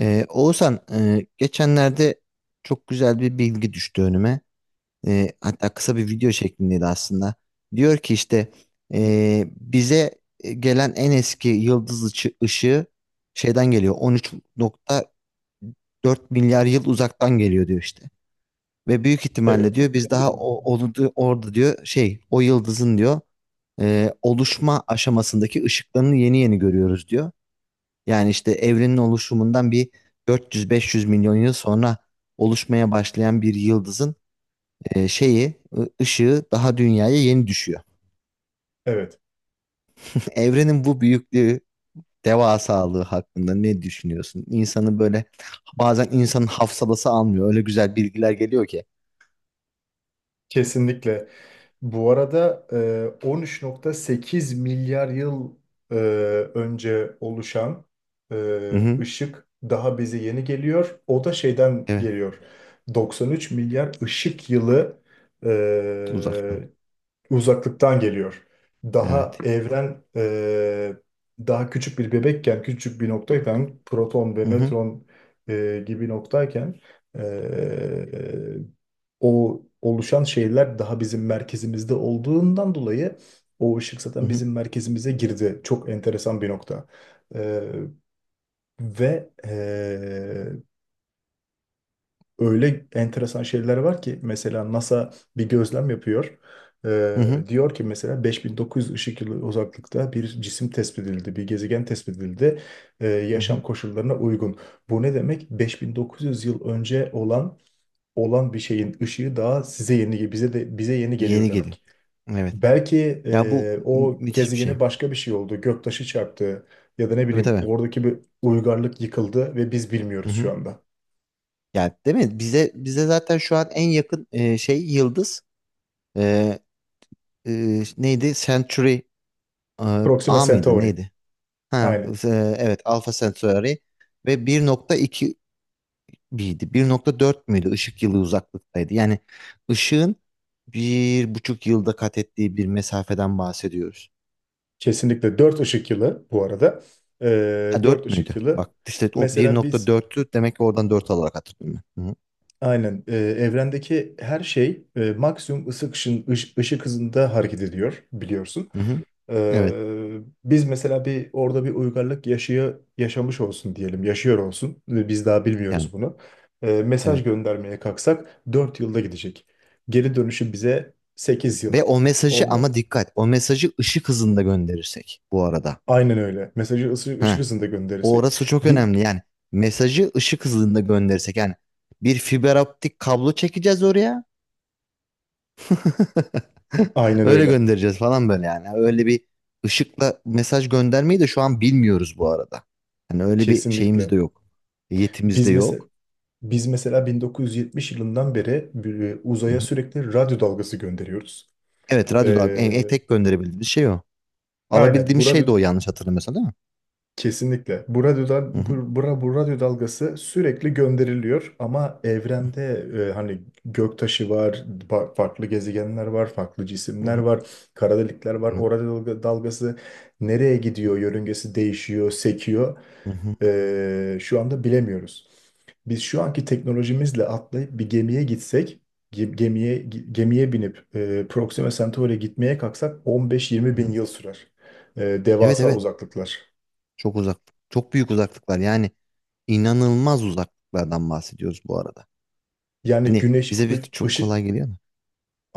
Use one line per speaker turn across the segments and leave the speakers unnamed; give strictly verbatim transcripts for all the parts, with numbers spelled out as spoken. Ee, Oğuzhan, e, geçenlerde çok güzel bir bilgi düştü önüme. Ee, hatta kısa bir video şeklindeydi aslında. Diyor ki işte e, bize gelen en eski yıldız ışı- ışığı şeyden geliyor. on üç nokta dört milyar yıl uzaktan geliyor diyor işte. Ve büyük
Evet.
ihtimalle diyor biz daha o, orada, orada diyor şey o yıldızın diyor e, oluşma aşamasındaki ışıklarını yeni yeni görüyoruz diyor. Yani işte evrenin oluşumundan bir dört yüz beş yüz milyon yıl sonra oluşmaya başlayan bir yıldızın e, şeyi, ı- ışığı daha dünyaya yeni düşüyor.
Evet.
Evrenin bu büyüklüğü, devasalığı hakkında ne düşünüyorsun? İnsanı böyle bazen insanın hafsalası almıyor. Öyle güzel bilgiler geliyor ki.
Kesinlikle. Bu arada e, on üç nokta sekiz milyar yıl e, önce oluşan e,
Hı hı.
ışık daha bize yeni geliyor. O da şeyden
Evet,
geliyor. doksan üç milyar ışık yılı
uzaktan.
e, uzaklıktan geliyor. Daha
Evet.
evren e, daha küçük bir bebekken, küçük bir noktayken, proton ve
Hı hı.
nötron e, gibi noktayken e, o oluşan şeyler daha bizim merkezimizde olduğundan dolayı o ışık
Hı
zaten
hı.
bizim merkezimize girdi. Çok enteresan bir nokta. E, ve e, öyle enteresan şeyler var ki mesela NASA bir gözlem yapıyor.
Hı
Ee,
hı.
diyor ki mesela beş bin dokuz yüz ışık yılı uzaklıkta bir cisim tespit edildi, bir gezegen tespit edildi. Ee,
Hı
yaşam
hı.
koşullarına uygun. Bu ne demek? beş bin dokuz yüz yıl önce olan olan bir şeyin ışığı daha size yeni bize de bize yeni geliyor
Yeni geliyor.
demek.
Evet.
Belki
Ya bu
e,
mü-
o
müthiş bir şey.
gezegene başka bir şey oldu, göktaşı çarptı ya da ne
Tabii
bileyim
tabii.
oradaki bir uygarlık yıkıldı ve biz
Hı
bilmiyoruz şu
hı.
anda.
Yani değil mi? Bize bize zaten şu an en yakın e, şey yıldız e, e, neydi? Century e,
Proxima
A mıydı?
Centauri.
Neydi? Ha,
Aynen.
e, evet Alpha Centauri ve bir nokta iki miydi? bir nokta dört müydü? Işık yılı uzaklıktaydı. Yani ışığın bir buçuk yılda kat ettiği bir mesafeden bahsediyoruz.
Kesinlikle dört ışık yılı bu arada. Ee,
Ha,
dört
dört
ışık
müydü?
yılı.
Bak işte o
Mesela biz
bir nokta dörttü demek ki oradan dört alarak hatırlıyorum ben. Hı hı.
aynen e, evrendeki her şey e, maksimum ışık, ışın, ış- ışık hızında hareket ediyor biliyorsun.
Hı hı. Evet
Ee, biz mesela bir orada bir uygarlık yaşıyor, yaşamış olsun diyelim, yaşıyor olsun. Ee, Biz daha
yani
bilmiyoruz bunu. Ee, mesaj
evet.
göndermeye kalksak dört yılda gidecek. Geri dönüşü bize sekiz yıl.
Ve o mesajı
Onunla.
ama dikkat o mesajı ışık hızında gönderirsek bu arada.
Aynen öyle. Mesajı ısı- ışık
Ha,
hızında gönderirsek.
orası çok
Bir,
önemli yani mesajı ışık hızında gönderirsek yani bir fiber optik kablo çekeceğiz oraya.
aynen
Öyle
öyle.
göndereceğiz falan böyle yani. Öyle bir ışıkla mesaj göndermeyi de şu an bilmiyoruz bu arada. Hani öyle bir şeyimiz
Kesinlikle.
de yok. Yetimiz
Biz
de
mesela
yok.
biz mesela bin dokuz yüz yetmiş yılından beri bir-
Hı
uzaya
hı.
sürekli radyo dalgası gönderiyoruz.
Evet, radyo dalga en,
Ee,
en tek gönderebildiğimiz şey o.
aynen
Alabildiğimiz
bu
şey
radyo.
de o, yanlış hatırlamıyorsam değil mi?
Kesinlikle. Bu radyodan,
Hı hı.
bu, bura, bu radyo dalgası sürekli gönderiliyor ama evrende e, hani göktaşı var, fa- farklı gezegenler var, farklı
Hı
cisimler
hı.
var, kara delikler var. O radyo dalga- dalgası nereye gidiyor, yörüngesi değişiyor, sekiyor.
Hı hı.
E, şu anda bilemiyoruz. Biz şu anki teknolojimizle atlayıp bir gemiye gitsek, ge- gemiye gemiye binip e, Proxima Centauri'ye gitmeye kalksak on beş yirmi
Hı
bin
hı.
yıl sürer. E,
Evet
devasa
evet.
uzaklıklar.
Çok uzak. Çok büyük uzaklıklar. Yani inanılmaz uzaklıklardan bahsediyoruz bu arada.
Yani
Hani
güneş
bize bir
ı-
çok
ışık
kolay geliyor mu?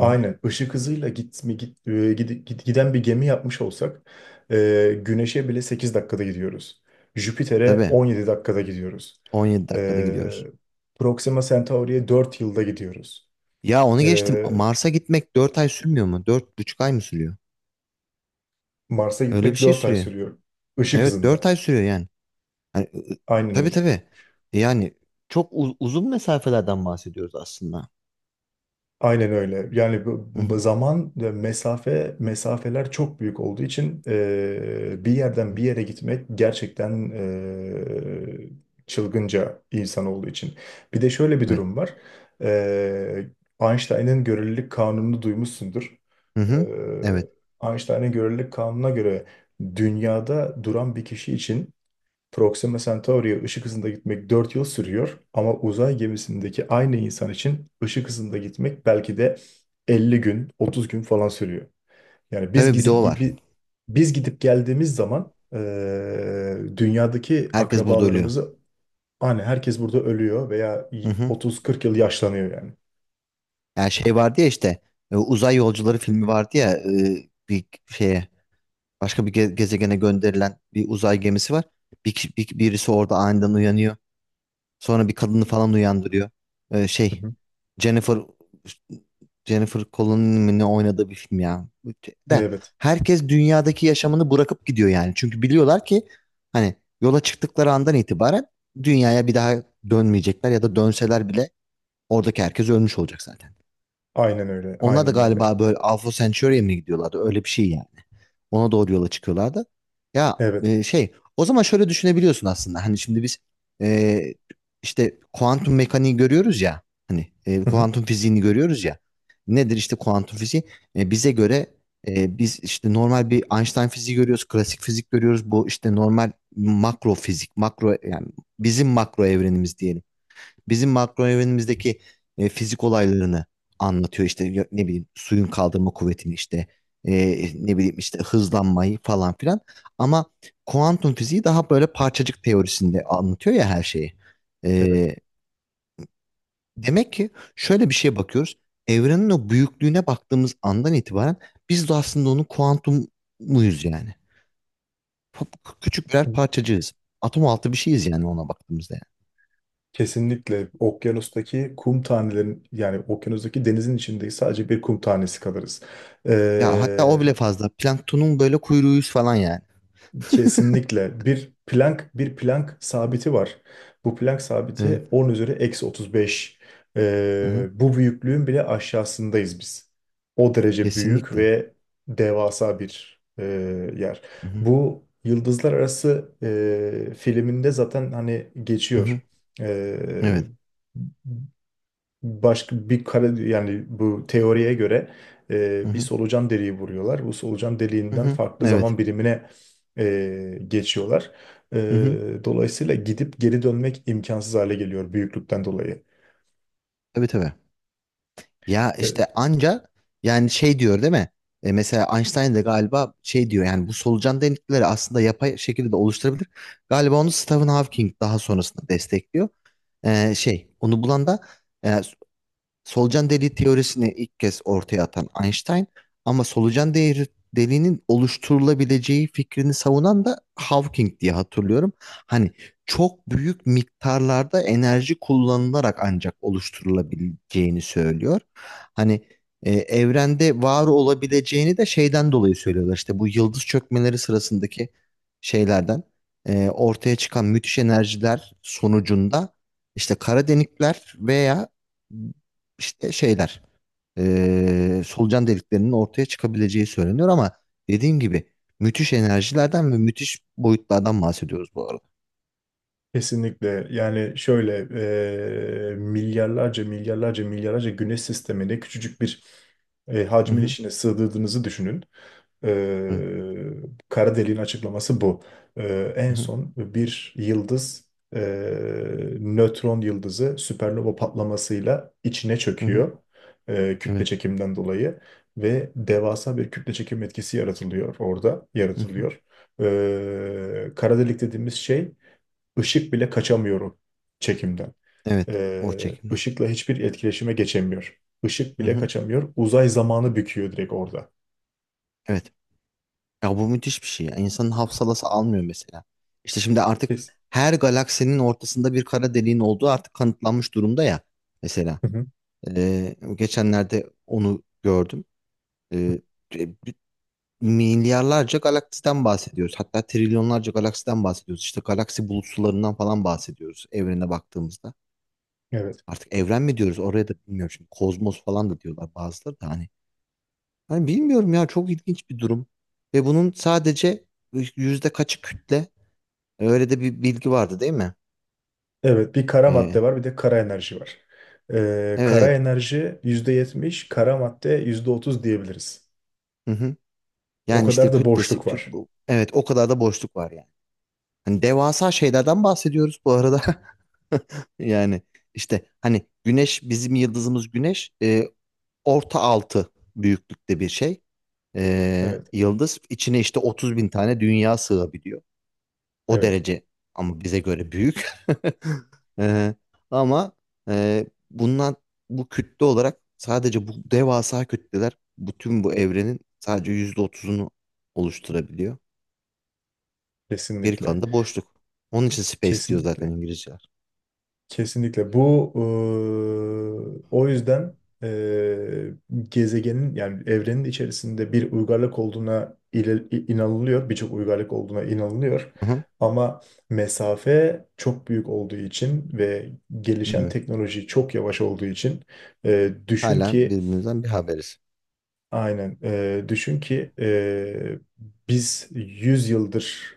Hı hı.
ışık hızıyla gitme git, e, gid- gid- giden bir gemi yapmış olsak e, güneşe bile sekiz dakikada gidiyoruz. Jüpiter'e
Tabii,
on yedi dakikada gidiyoruz.
on yedi dakikada
E,
gidiyoruz.
Proxima Centauri'ye dört yılda gidiyoruz.
Ya onu geçtim.
E,
Mars'a gitmek dört ay sürmüyor mu? Dört buçuk ay mı sürüyor?
Mars'a
Öyle bir
gitmek
şey
dört ay
sürüyor.
sürüyor. Işık
Evet, dört
hızında.
ay sürüyor yani. Hani, ı- ı-
Aynen
tabii
öyle.
tabii. Yani çok u- uzun mesafelerden bahsediyoruz aslında.
Aynen öyle. Yani bu-
Hı
bu
hı.
zaman ve mesafe mesafeler çok büyük olduğu için eee, bir yerden bir
Hı.
yere gitmek gerçekten eee, çılgınca insan olduğu için. Bir de şöyle bir
Evet.
durum var. Eee Einstein'ın görelilik kanununu duymuşsundur.
Hı hı. Evet.
Eee Einstein'ın görelilik kanununa göre dünyada duran bir kişi için Proxima Centauri'ye ışık hızında gitmek dört yıl sürüyor ama uzay gemisindeki aynı insan için ışık hızında gitmek belki de elli gün, otuz gün falan sürüyor. Yani biz
Tabii bir de
gidip
o var.
gibi biz gidip geldiğimiz zaman eee, dünyadaki
Herkes burada ölüyor.
akrabalarımızı hani herkes burada ölüyor veya y- otuz kırk yıl yaşlanıyor yani.
Yani şey vardı ya, işte e, uzay yolcuları filmi vardı ya. E, bir şeye, başka bir ge- gezegene gönderilen bir uzay gemisi var. Bir, ki- bir- birisi orada aniden uyanıyor. Sonra bir kadını falan uyandırıyor. E,
Hı
şey
hı.
Jennifer Jennifer Connelly'nin ne oynadığı bir film ya. De
Evet.
herkes dünyadaki yaşamını bırakıp gidiyor yani. Çünkü biliyorlar ki, hani yola çıktıkları andan itibaren dünyaya bir daha dönmeyecekler, ya da dönseler bile oradaki herkes ölmüş olacak zaten.
Aynen öyle.
Onlar da
Aynen öyle.
galiba böyle Alpha Centauri'ye mi gidiyorlardı? Öyle bir şey yani. Ona doğru yola çıkıyorlardı. Ya
Evet.
e, şey o zaman şöyle düşünebiliyorsun aslında. Hani şimdi biz e, işte kuantum mekaniği görüyoruz ya. Hani e,
Hı hı.
kuantum fiziğini görüyoruz ya. Nedir işte kuantum fiziği? E, bize göre e, biz işte normal bir Einstein fiziği görüyoruz. Klasik fizik görüyoruz. Bu işte normal makro fizik. Makro, yani bizim makro evrenimiz diyelim. Bizim makro evrenimizdeki e, fizik olaylarını anlatıyor. İşte ya- ne bileyim suyun kaldırma kuvvetini işte, e, ne bileyim işte hızlanmayı falan filan. Ama kuantum fiziği daha böyle parçacık teorisinde anlatıyor ya her şeyi.
Evet.
E, Demek ki şöyle bir şeye bakıyoruz. Evrenin o büyüklüğüne baktığımız andan itibaren biz de aslında onun kuantum muyuz yani? Pa- Küçük birer parçacığız. Atom altı bir şeyiz yani ona baktığımızda, yani.
Kesinlikle okyanustaki kum tanelerin, yani okyanustaki denizin içindeyiz, sadece bir kum tanesi kalırız.
Ya hatta
Ee,
o bile fazla. Planktonun böyle kuyruğuyuz falan yani.
kesinlikle bir plank bir plank sabiti var. Bu plank
Evet.
sabiti on üzeri eksi otuz beş.
Hı hı.
Ee, bu büyüklüğün bile aşağısındayız biz. O derece büyük
Kesinlikle.
ve devasa bir e, yer.
Hı hı.
Bu Yıldızlar Arası e, filminde zaten hani
Hı hı.
geçiyor. Ee,
Evet.
başka bir kara yani bu teoriye göre
Hı
e, bir
hı.
solucan deliği vuruyorlar. Bu solucan
Hı
deliğinden
hı.
farklı
Evet.
zaman birimine e, geçiyorlar.
Hı hı.
E, dolayısıyla gidip geri dönmek imkansız hale geliyor büyüklükten dolayı.
Tabii tabii. Ya
E,
işte anca yani, şey diyor değil mi? E, mesela Einstein de galiba şey diyor yani, bu solucan delikleri aslında yapay şekilde de oluşturabilir. Galiba onu Stephen Hawking daha sonrasında destekliyor. E, şey onu bulan da, e, solucan deliği teorisini ilk kez ortaya atan Einstein, ama solucan değeri, deliğinin oluşturulabileceği fikrini savunan da Hawking diye hatırlıyorum. Hani çok büyük miktarlarda enerji kullanılarak ancak oluşturulabileceğini söylüyor. Hani e, evrende var olabileceğini de şeyden dolayı söylüyorlar. İşte bu yıldız çökmeleri sırasındaki şeylerden e, ortaya çıkan müthiş enerjiler sonucunda işte kara delikler veya işte şeyler, eee, solucan deliklerinin ortaya çıkabileceği söyleniyor ama dediğim gibi müthiş enerjilerden ve müthiş boyutlardan bahsediyoruz bu arada.
Kesinlikle yani şöyle e, milyarlarca milyarlarca milyarlarca güneş sistemine küçücük bir e,
Hı
hacmin
hı,
içine sığdırdığınızı düşünün. E,
hı
kara deliğin açıklaması bu. E, en
hı,
son bir yıldız e, nötron yıldızı süpernova patlamasıyla içine
hı hı,
çöküyor e, kütle
evet,
çekimden dolayı ve devasa bir kütle çekim etkisi yaratılıyor orada
hı hı,
yaratılıyor. E, kara delik dediğimiz şey, Işık bile kaçamıyorum çekimden.
evet, o
Ee,
çekimden.
ışıkla hiçbir etkileşime geçemiyor. Işık
Hı
bile
hı,
kaçamıyor. Uzay zamanı büküyor direkt orada.
evet. Ya bu müthiş bir şey ya. İnsanın hafsalası almıyor mesela. İşte şimdi artık
Biz.
her galaksinin ortasında bir kara deliğin olduğu artık kanıtlanmış durumda ya. Mesela
Hı hı.
Eee, geçenlerde onu gördüm. Eee milyarlarca galaksiden bahsediyoruz. Hatta trilyonlarca galaksiden bahsediyoruz. İşte galaksi bulutsularından falan bahsediyoruz evrene baktığımızda.
Evet.
Artık evren mi diyoruz oraya da bilmiyorum. Şimdi kozmos falan da diyorlar bazıları da, hani. Hani bilmiyorum ya, çok ilginç bir durum. Ve bunun sadece yüzde kaçı kütle? E, Öyle de bir bilgi vardı değil mi?
Evet, bir kara madde
Ee,
var, bir de kara enerji var. Ee,
evet
kara
evet.
enerji yüzde yetmiş, kara madde yüzde otuz diyebiliriz.
Hı hı.
O
Yani işte
kadar da
kütlesi
boşluk
kü-
var.
bu- evet, o kadar da boşluk var yani. Hani devasa şeylerden bahsediyoruz bu arada. Yani işte hani güneş, bizim yıldızımız güneş e, orta altı büyüklükte bir şey. E,
Evet,
yıldız içine işte otuz bin tane dünya sığabiliyor. O
evet.
derece, ama bize göre büyük. E, Ama e, bundan, bu kütle olarak sadece bu devasa kütleler, bütün bu evrenin sadece yüzde otuzunu oluşturabiliyor. Geri
Kesinlikle.
kalanı da boşluk. Onun için space diyor
Kesinlikle.
zaten İngilizceler.
Kesinlikle. Bu eee, o yüzden eee, gezegenin, yani evrenin içerisinde bir uygarlık olduğuna ile- inanılıyor. Birçok uygarlık olduğuna inanılıyor.
Hı hı.
Ama mesafe çok büyük olduğu için ve gelişen
Bilmiyorum.
teknoloji çok yavaş olduğu için eee, düşün
Hala
ki.
birbirimizden bir haberiz.
Aynen. Ee, düşün ki ee, biz yüz yıldır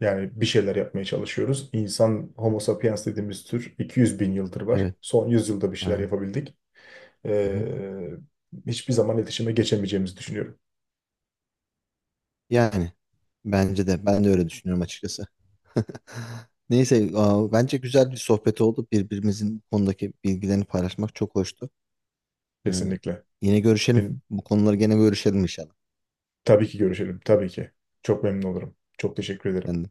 yani bir şeyler yapmaya çalışıyoruz. İnsan Homo sapiens dediğimiz tür iki yüz bin yıldır var.
Evet,
Son yüz yılda bir şeyler
aynen.
yapabildik.
Hı hı.
Ee, hiçbir zaman iletişime geçemeyeceğimizi düşünüyorum.
Yani bence de, ben de öyle düşünüyorum açıkçası. Neyse, aa, bence güzel bir sohbet oldu. Birbirimizin bu konudaki bilgilerini paylaşmak çok hoştu. Ee,
Kesinlikle.
yine görüşelim.
Benim.
Bu konuları gene görüşelim inşallah.
Tabii ki görüşelim. Tabii ki. Çok memnun olurum. Çok teşekkür ederim.
Kendine